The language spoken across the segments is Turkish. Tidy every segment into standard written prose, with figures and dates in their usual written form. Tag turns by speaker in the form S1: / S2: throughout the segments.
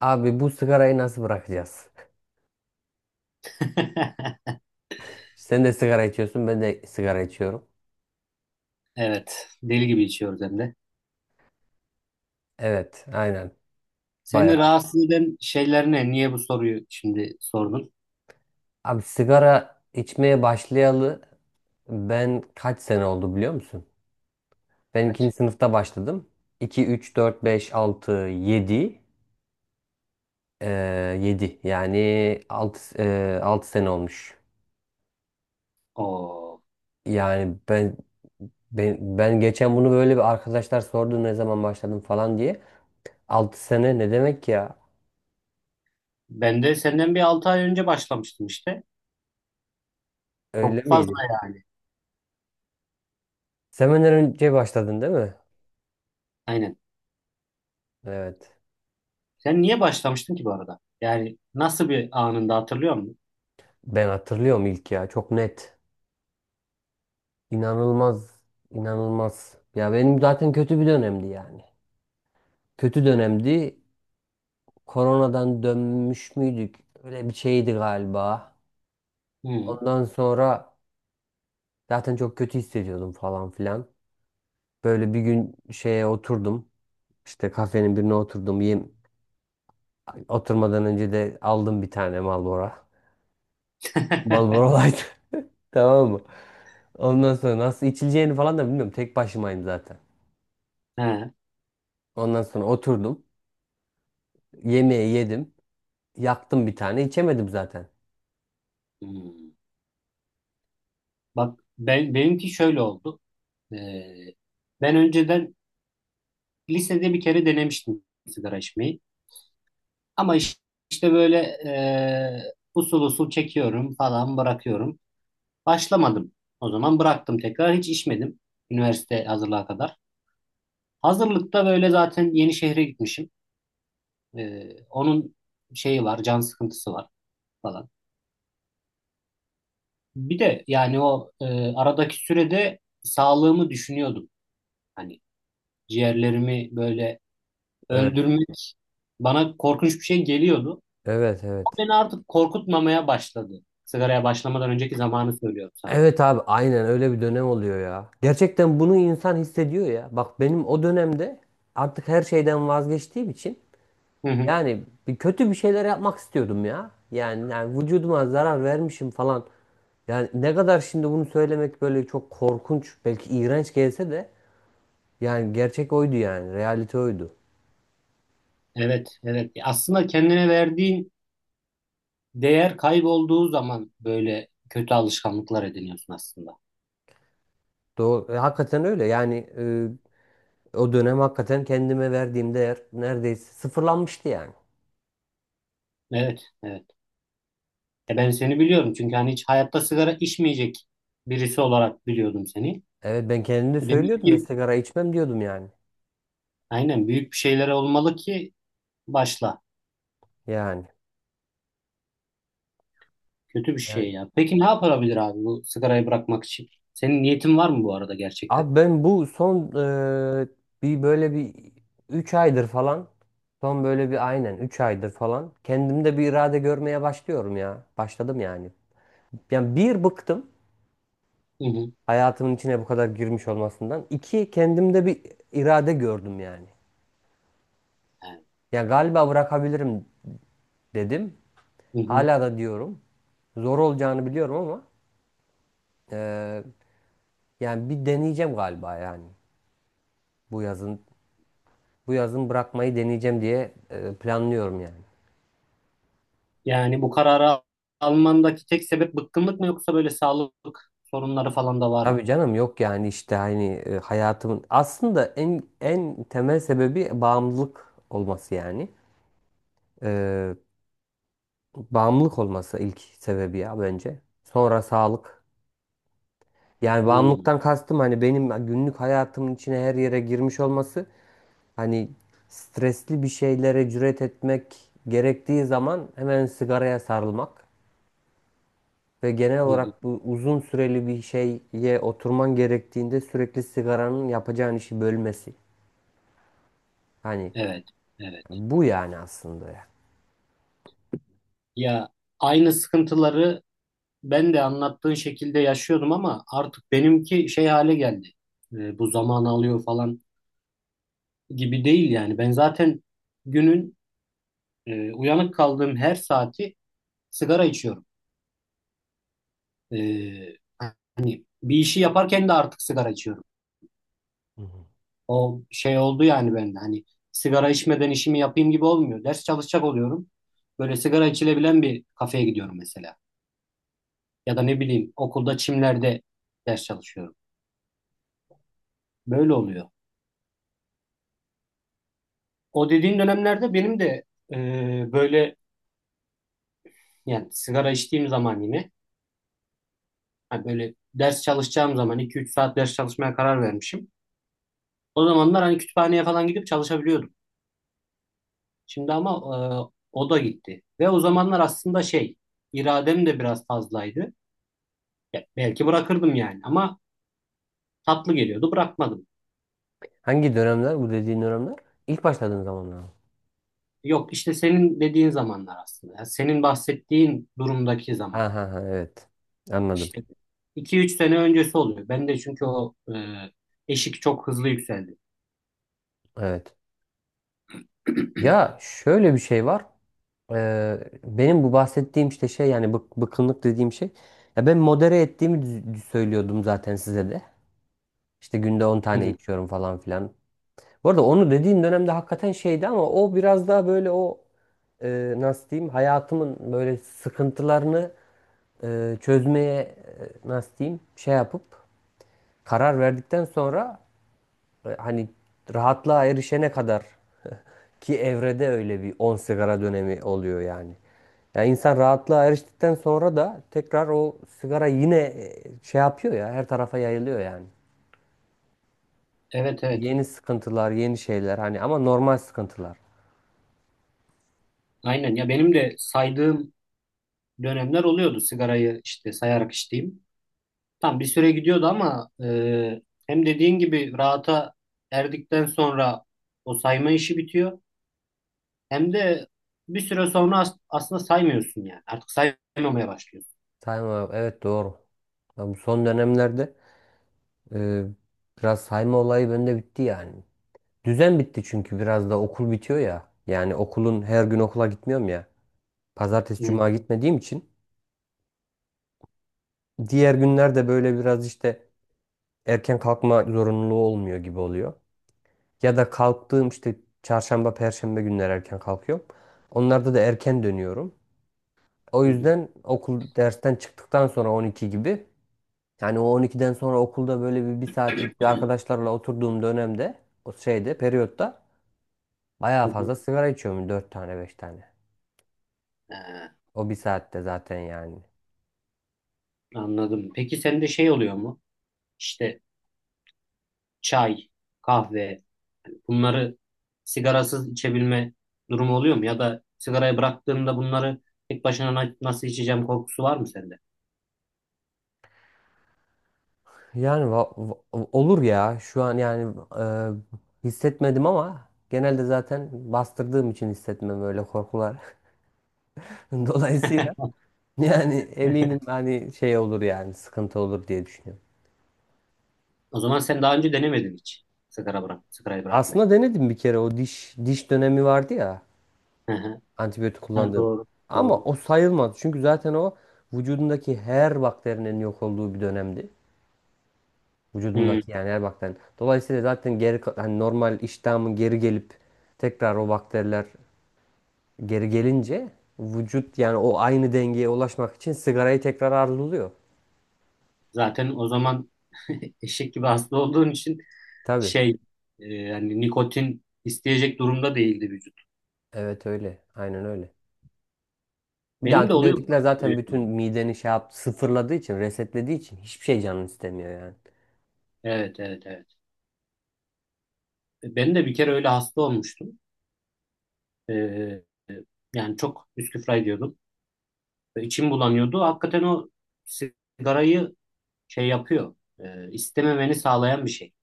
S1: Abi bu sigarayı nasıl bırakacağız? Sen de sigara içiyorsun, ben de sigara içiyorum.
S2: Evet. Deli gibi içiyoruz hem de.
S1: Evet, aynen. Bayağı.
S2: Seni rahatsız eden şeyler ne? Niye bu soruyu şimdi sordun?
S1: Abi sigara içmeye başlayalı ben kaç sene oldu biliyor musun? Ben ikinci
S2: Kaç?
S1: sınıfta başladım. 2, 3, 4, 5, 6, 7, Ee, 7. Yani 6 sene olmuş.
S2: Oo.
S1: Yani ben ben geçen bunu böyle bir arkadaşlar sordu ne zaman başladım falan diye. Altı sene ne demek ya?
S2: Ben de senden bir 6 ay önce başlamıştım işte.
S1: Öyle
S2: Çok fazla
S1: miydi?
S2: yani.
S1: Sevmeden önce başladın değil mi?
S2: Aynen.
S1: Evet.
S2: Sen niye başlamıştın ki bu arada? Yani nasıl bir anında hatırlıyor musun?
S1: Ben hatırlıyorum ilk ya. Çok net. İnanılmaz. İnanılmaz. Ya benim zaten kötü bir dönemdi yani. Kötü
S2: Yani.
S1: dönemdi. Koronadan dönmüş müydük? Öyle bir şeydi galiba.
S2: Hı.
S1: Ondan sonra zaten çok kötü hissediyordum falan filan. Böyle bir gün şeye oturdum. İşte kafenin birine oturdum. Oturmadan önce de aldım bir tane Marlboro. Marlboro Light. Tamam mı? Ondan sonra nasıl içileceğini falan da bilmiyorum. Tek başımayım zaten.
S2: Ha.
S1: Ondan sonra oturdum. Yemeği yedim. Yaktım bir tane. İçemedim zaten.
S2: Hmm. Bak ben benimki şöyle oldu. Ee, Ben önceden lisede bir kere denemiştim sigara içmeyi. Ama işte böyle usul usul çekiyorum falan bırakıyorum. Başlamadım. O zaman bıraktım tekrar. Hiç içmedim. Üniversite hazırlığa kadar. Hazırlıkta böyle zaten yeni şehre gitmişim. Onun şeyi var, can sıkıntısı var falan. Bir de yani o aradaki sürede sağlığımı düşünüyordum. Hani ciğerlerimi böyle
S1: Evet.
S2: öldürmek bana korkunç bir şey geliyordu.
S1: Evet
S2: O
S1: evet.
S2: beni artık korkutmamaya başladı. Sigaraya başlamadan önceki zamanı söylüyorum sana.
S1: Evet abi aynen öyle bir dönem oluyor ya. Gerçekten bunu insan hissediyor ya. Bak benim o dönemde artık her şeyden vazgeçtiğim için
S2: Hı hı.
S1: yani bir kötü bir şeyler yapmak istiyordum ya. Yani vücuduma zarar vermişim falan. Yani ne kadar şimdi bunu söylemek böyle çok korkunç belki iğrenç gelse de yani gerçek oydu yani. Realite oydu.
S2: Evet, evet. Aslında kendine verdiğin değer kaybolduğu zaman böyle kötü alışkanlıklar ediniyorsun aslında.
S1: Doğru. Hakikaten öyle. Yani o dönem hakikaten kendime verdiğim değer neredeyse sıfırlanmıştı yani.
S2: Evet, evet. Ben seni biliyorum çünkü hani hiç hayatta sigara içmeyecek birisi olarak biliyordum seni.
S1: Evet ben kendim de
S2: Demek
S1: söylüyordum da
S2: ki
S1: sigara içmem diyordum yani.
S2: aynen büyük bir şeyler olmalı ki başla.
S1: Yani.
S2: Kötü bir
S1: Yani.
S2: şey ya. Peki ne yapılabilir abi bu sigarayı bırakmak için? Senin niyetin var mı bu arada gerçekten?
S1: Abi ben bu son e, bir böyle bir 3 aydır falan son böyle bir aynen 3 aydır falan kendimde bir irade görmeye başlıyorum ya. Başladım yani. Yani bir bıktım
S2: Hı hı.
S1: hayatımın içine bu kadar girmiş olmasından. İki kendimde bir irade gördüm yani.
S2: Evet.
S1: Ya galiba bırakabilirim dedim.
S2: Hı hı.
S1: Hala da diyorum. Zor olacağını biliyorum ama eee, yani bir deneyeceğim galiba yani. Bu yazın bu yazın bırakmayı deneyeceğim diye planlıyorum yani.
S2: Yani bu kararı almandaki tek sebep bıkkınlık mı yoksa böyle sağlık sorunları falan da var mı?
S1: Tabii canım yok yani işte hani hayatımın aslında en temel sebebi bağımlılık olması yani. Eee, bağımlılık olması ilk sebebi ya bence. Sonra sağlık. Yani
S2: Hmm,
S1: bağımlılıktan kastım hani benim günlük hayatımın içine her yere girmiş olması. Hani stresli bir şeylere cüret etmek gerektiği zaman hemen sigaraya sarılmak ve genel
S2: hı hı.
S1: olarak bu uzun süreli bir şeye oturman gerektiğinde sürekli sigaranın yapacağın işi bölmesi. Hani
S2: Evet, evet.
S1: bu yani aslında ya.
S2: Ya aynı sıkıntıları ben de anlattığın şekilde yaşıyordum ama artık benimki şey hale geldi. Bu zaman alıyor falan gibi değil yani. Ben zaten günün uyanık kaldığım her saati sigara içiyorum. E, Bir işi yaparken de artık sigara içiyorum.
S1: Hı hı.
S2: O şey oldu yani bende. Hani sigara içmeden işimi yapayım gibi olmuyor. Ders çalışacak oluyorum. Böyle sigara içilebilen bir kafeye gidiyorum mesela. Ya da ne bileyim okulda çimlerde ders çalışıyorum. Böyle oluyor. O dediğin dönemlerde benim de e, böyle yani sigara içtiğim zaman yine hani böyle ders çalışacağım zaman 2 3 saat ders çalışmaya karar vermişim. O zamanlar hani kütüphaneye falan gidip çalışabiliyordum. Şimdi ama o da gitti. Ve o zamanlar aslında şey iradem de biraz fazlaydı. Ya, belki bırakırdım yani ama tatlı geliyordu bırakmadım.
S1: Hangi dönemler bu dediğin dönemler? İlk başladığın zamanlar mı?
S2: Yok işte senin dediğin zamanlar aslında. Ya senin bahsettiğin durumdaki zaman.
S1: Ha ha ha evet. Anladım.
S2: İşte 2 3 sene öncesi oluyor. Ben de çünkü o eşik çok hızlı yükseldi.
S1: Evet. Ya şöyle bir şey var. Benim bu bahsettiğim işte şey yani bıkkınlık dediğim şey. Ya ben modere ettiğimi söylüyordum zaten size de. İşte günde 10
S2: Hı
S1: tane
S2: hı.
S1: içiyorum falan filan. Bu arada onu dediğin dönemde hakikaten şeydi ama o biraz daha böyle o nasıl diyeyim hayatımın böyle sıkıntılarını çözmeye nasıl diyeyim şey yapıp karar verdikten sonra hani rahatlığa erişene kadar ki evrede öyle bir 10 sigara dönemi oluyor yani. Ya insan rahatlığa eriştikten sonra da tekrar o sigara yine şey yapıyor ya her tarafa yayılıyor yani.
S2: Evet evet.
S1: Yeni sıkıntılar, yeni şeyler hani ama normal sıkıntılar.
S2: Aynen ya benim de saydığım dönemler oluyordu sigarayı işte sayarak içtiğim. Tam bir süre gidiyordu ama hem dediğin gibi rahata erdikten sonra o sayma işi bitiyor. Hem de bir süre sonra aslında saymıyorsun yani. Artık saymamaya başlıyorsun.
S1: Sayma evet doğru. Ya bu son dönemlerde e, biraz sayma olayı bende bitti yani. Düzen bitti çünkü biraz da okul bitiyor ya. Yani okulun her gün okula gitmiyorum ya. Pazartesi,
S2: Hı
S1: cuma gitmediğim için diğer günlerde böyle biraz işte erken kalkma zorunluluğu olmuyor gibi oluyor. Ya da kalktığım işte çarşamba, perşembe günler erken kalkıyorum. Onlarda da erken dönüyorum. O
S2: hı hı.
S1: yüzden okul dersten çıktıktan sonra 12 gibi yani o 12'den sonra okulda böyle bir saatlik bir arkadaşlarla oturduğum dönemde o şeyde periyotta bayağı
S2: Hı.
S1: fazla sigara içiyorum 4 tane 5 tane.
S2: Ha,
S1: O bir saatte zaten yani.
S2: anladım. Peki sende şey oluyor mu? İşte. Çay, kahve yani bunları sigarasız içebilme durumu oluyor mu? Ya da sigarayı bıraktığımda bunları tek başına nasıl içeceğim korkusu var mı sende?
S1: Yani olur ya şu an yani hissetmedim ama genelde zaten bastırdığım için hissetmem öyle korkular. Dolayısıyla yani eminim hani şey olur yani sıkıntı olur diye düşünüyorum.
S2: O zaman sen daha önce denemedin hiç sigarayı bırakmayı.
S1: Aslında denedim bir kere o diş dönemi vardı ya
S2: Hı hı.
S1: antibiyotik
S2: Ha,
S1: kullandığım.
S2: doğru, doğru.
S1: Ama o sayılmadı çünkü zaten o vücudumdaki her bakterinin yok olduğu bir dönemdi.
S2: Hmm,
S1: Vücudumdaki yani her bakterinin. Dolayısıyla zaten hani normal iştahımın geri gelip tekrar o bakteriler geri gelince vücut yani o aynı dengeye ulaşmak için sigarayı tekrar arzuluyor.
S2: zaten o zaman eşek gibi hasta olduğun için
S1: Tabii.
S2: şey yani nikotin isteyecek durumda değildi vücut.
S1: Evet öyle. Aynen öyle. Bir de
S2: Benim de oluyor bu
S1: antibiyotikler
S2: arada böyle
S1: zaten
S2: bir
S1: bütün
S2: durum.
S1: mideni şey yap, sıfırladığı için, resetlediği için hiçbir şey canın istemiyor yani.
S2: Evet, evet, evet. Ben de bir kere öyle hasta olmuştum. Ee, Yani çok üsküfra ediyordum. Ve İçim bulanıyordu. Hakikaten o sigarayı şey yapıyor. İstememeni sağlayan bir şey.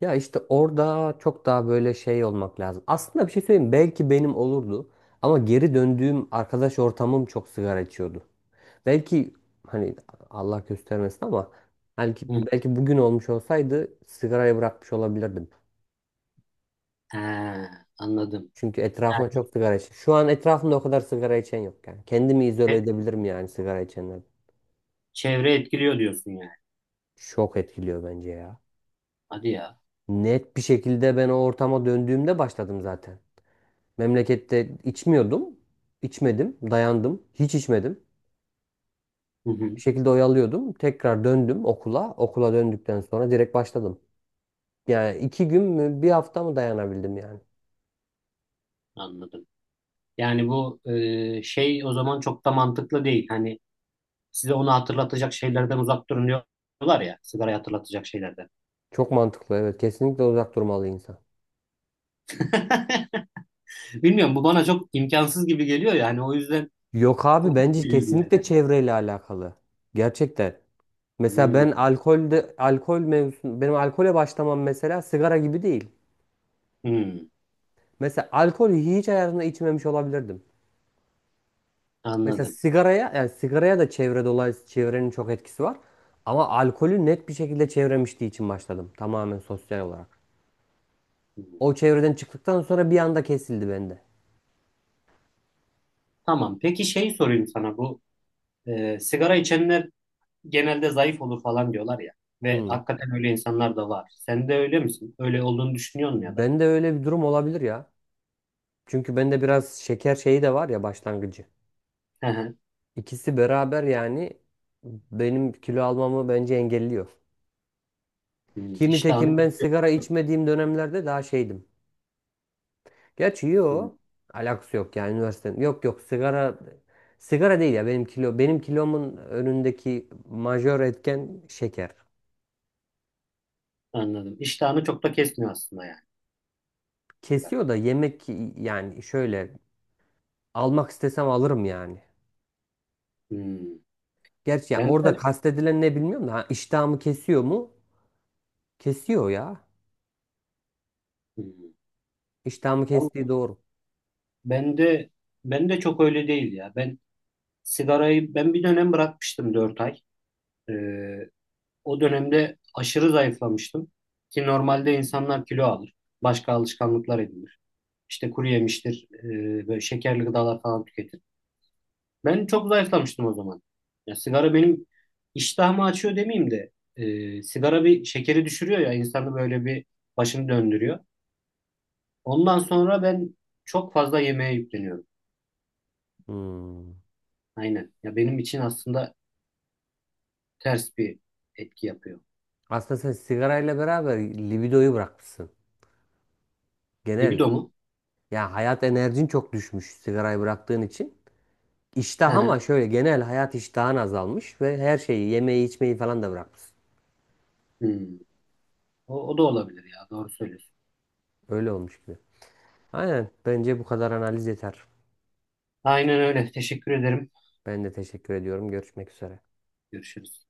S1: Ya işte orada çok daha böyle şey olmak lazım. Aslında bir şey söyleyeyim. Belki benim olurdu. Ama geri döndüğüm arkadaş ortamım çok sigara içiyordu. Belki hani Allah göstermesin ama belki,
S2: Hı.
S1: belki bugün olmuş olsaydı sigarayı bırakmış olabilirdim.
S2: He, anladım.
S1: Çünkü etrafına
S2: Yani
S1: çok sigara içen. Şu an etrafımda o kadar sigara içen yok yani. Kendimi izole
S2: e-
S1: edebilirim yani sigara içenlerden.
S2: çevre etkiliyor diyorsun yani.
S1: Çok etkiliyor bence ya.
S2: Hadi ya.
S1: Net bir şekilde ben o ortama döndüğümde başladım zaten. Memlekette içmiyordum. İçmedim. Dayandım. Hiç içmedim.
S2: Hı hı,
S1: Bir şekilde oyalıyordum. Tekrar döndüm okula. Okula döndükten sonra direkt başladım. Yani iki gün mü bir hafta mı dayanabildim yani.
S2: anladım. Yani bu şey o zaman çok da mantıklı değil. Hani size onu hatırlatacak şeylerden uzak durun diyorlar ya. Sigarayı hatırlatacak şeylerden.
S1: Çok mantıklı evet. Kesinlikle uzak durmalı insan.
S2: Bilmiyorum bu bana çok imkansız gibi geliyor yani o yüzden
S1: Yok abi
S2: komik
S1: bence
S2: geliyor bir yerden.
S1: kesinlikle çevreyle alakalı. Gerçekten. Mesela
S2: Hmm,
S1: ben alkolde alkol mevzusu benim alkole başlamam mesela sigara gibi değil.
S2: hmm.
S1: Mesela alkolü hiç hayatımda içmemiş olabilirdim. Mesela
S2: Anladım.
S1: sigaraya yani sigaraya da çevre dolayısıyla çevrenin çok etkisi var. Ama alkolü net bir şekilde çevremiştiği için başladım tamamen sosyal olarak.
S2: Hmm.
S1: O çevreden çıktıktan sonra bir anda kesildi bende.
S2: Tamam. Peki şey sorayım sana bu sigara içenler genelde zayıf olur falan diyorlar ya ve
S1: Hmm.
S2: hakikaten öyle insanlar da var. Sen de öyle misin? Öyle olduğunu düşünüyor musun ya da?
S1: Ben de öyle bir durum olabilir ya. Çünkü bende biraz şeker şeyi de var ya başlangıcı.
S2: Hı hı.
S1: İkisi beraber yani benim kilo almamı bence engelliyor.
S2: Hmm.
S1: Ki
S2: İştahını
S1: nitekim ben sigara içmediğim dönemlerde daha şeydim. Gerçi
S2: hmm.
S1: yo alakası yok yani üniversitenin. Yok yok sigara değil ya benim kilomun önündeki majör etken şeker.
S2: Anladım. İştahını çok da kesmiyor aslında yani sigara.
S1: Kesiyor da yemek yani şöyle almak istesem alırım yani.
S2: Hmm.
S1: Gerçi yani
S2: Ben
S1: orada
S2: de
S1: kastedilen ne bilmiyorum da ha, iştahımı kesiyor mu? Kesiyor ya.
S2: hmm.
S1: İştahımı kestiği
S2: Vallahi
S1: doğru.
S2: ben de ben de çok öyle değil ya. Ben bir dönem bırakmıştım 4 ay. Ee, O dönemde aşırı zayıflamıştım ki normalde insanlar kilo alır. Başka alışkanlıklar edinir. İşte kuru yemiştir, böyle şekerli gıdalar falan tüketir. Ben çok zayıflamıştım o zaman. Ya sigara benim iştahımı açıyor demeyeyim de sigara bir şekeri düşürüyor ya insanı böyle bir başını döndürüyor. Ondan sonra ben çok fazla yemeğe yükleniyorum.
S1: Hmm.
S2: Aynen. Ya benim için aslında ters bir etki yapıyor.
S1: Aslında sen sigarayla beraber libidoyu bırakmışsın. Genel
S2: Libido mu?
S1: ya hayat enerjin çok düşmüş sigarayı bıraktığın için.
S2: Hı
S1: İştah
S2: hı.
S1: ama şöyle genel hayat iştahın azalmış ve her şeyi yemeği içmeyi falan da bırakmışsın.
S2: Hmm. O, o da olabilir ya. Doğru söylüyorsun.
S1: Öyle olmuş gibi. Aynen bence bu kadar analiz yeter.
S2: Aynen öyle. Teşekkür ederim.
S1: Ben de teşekkür ediyorum. Görüşmek üzere.
S2: Görüşürüz.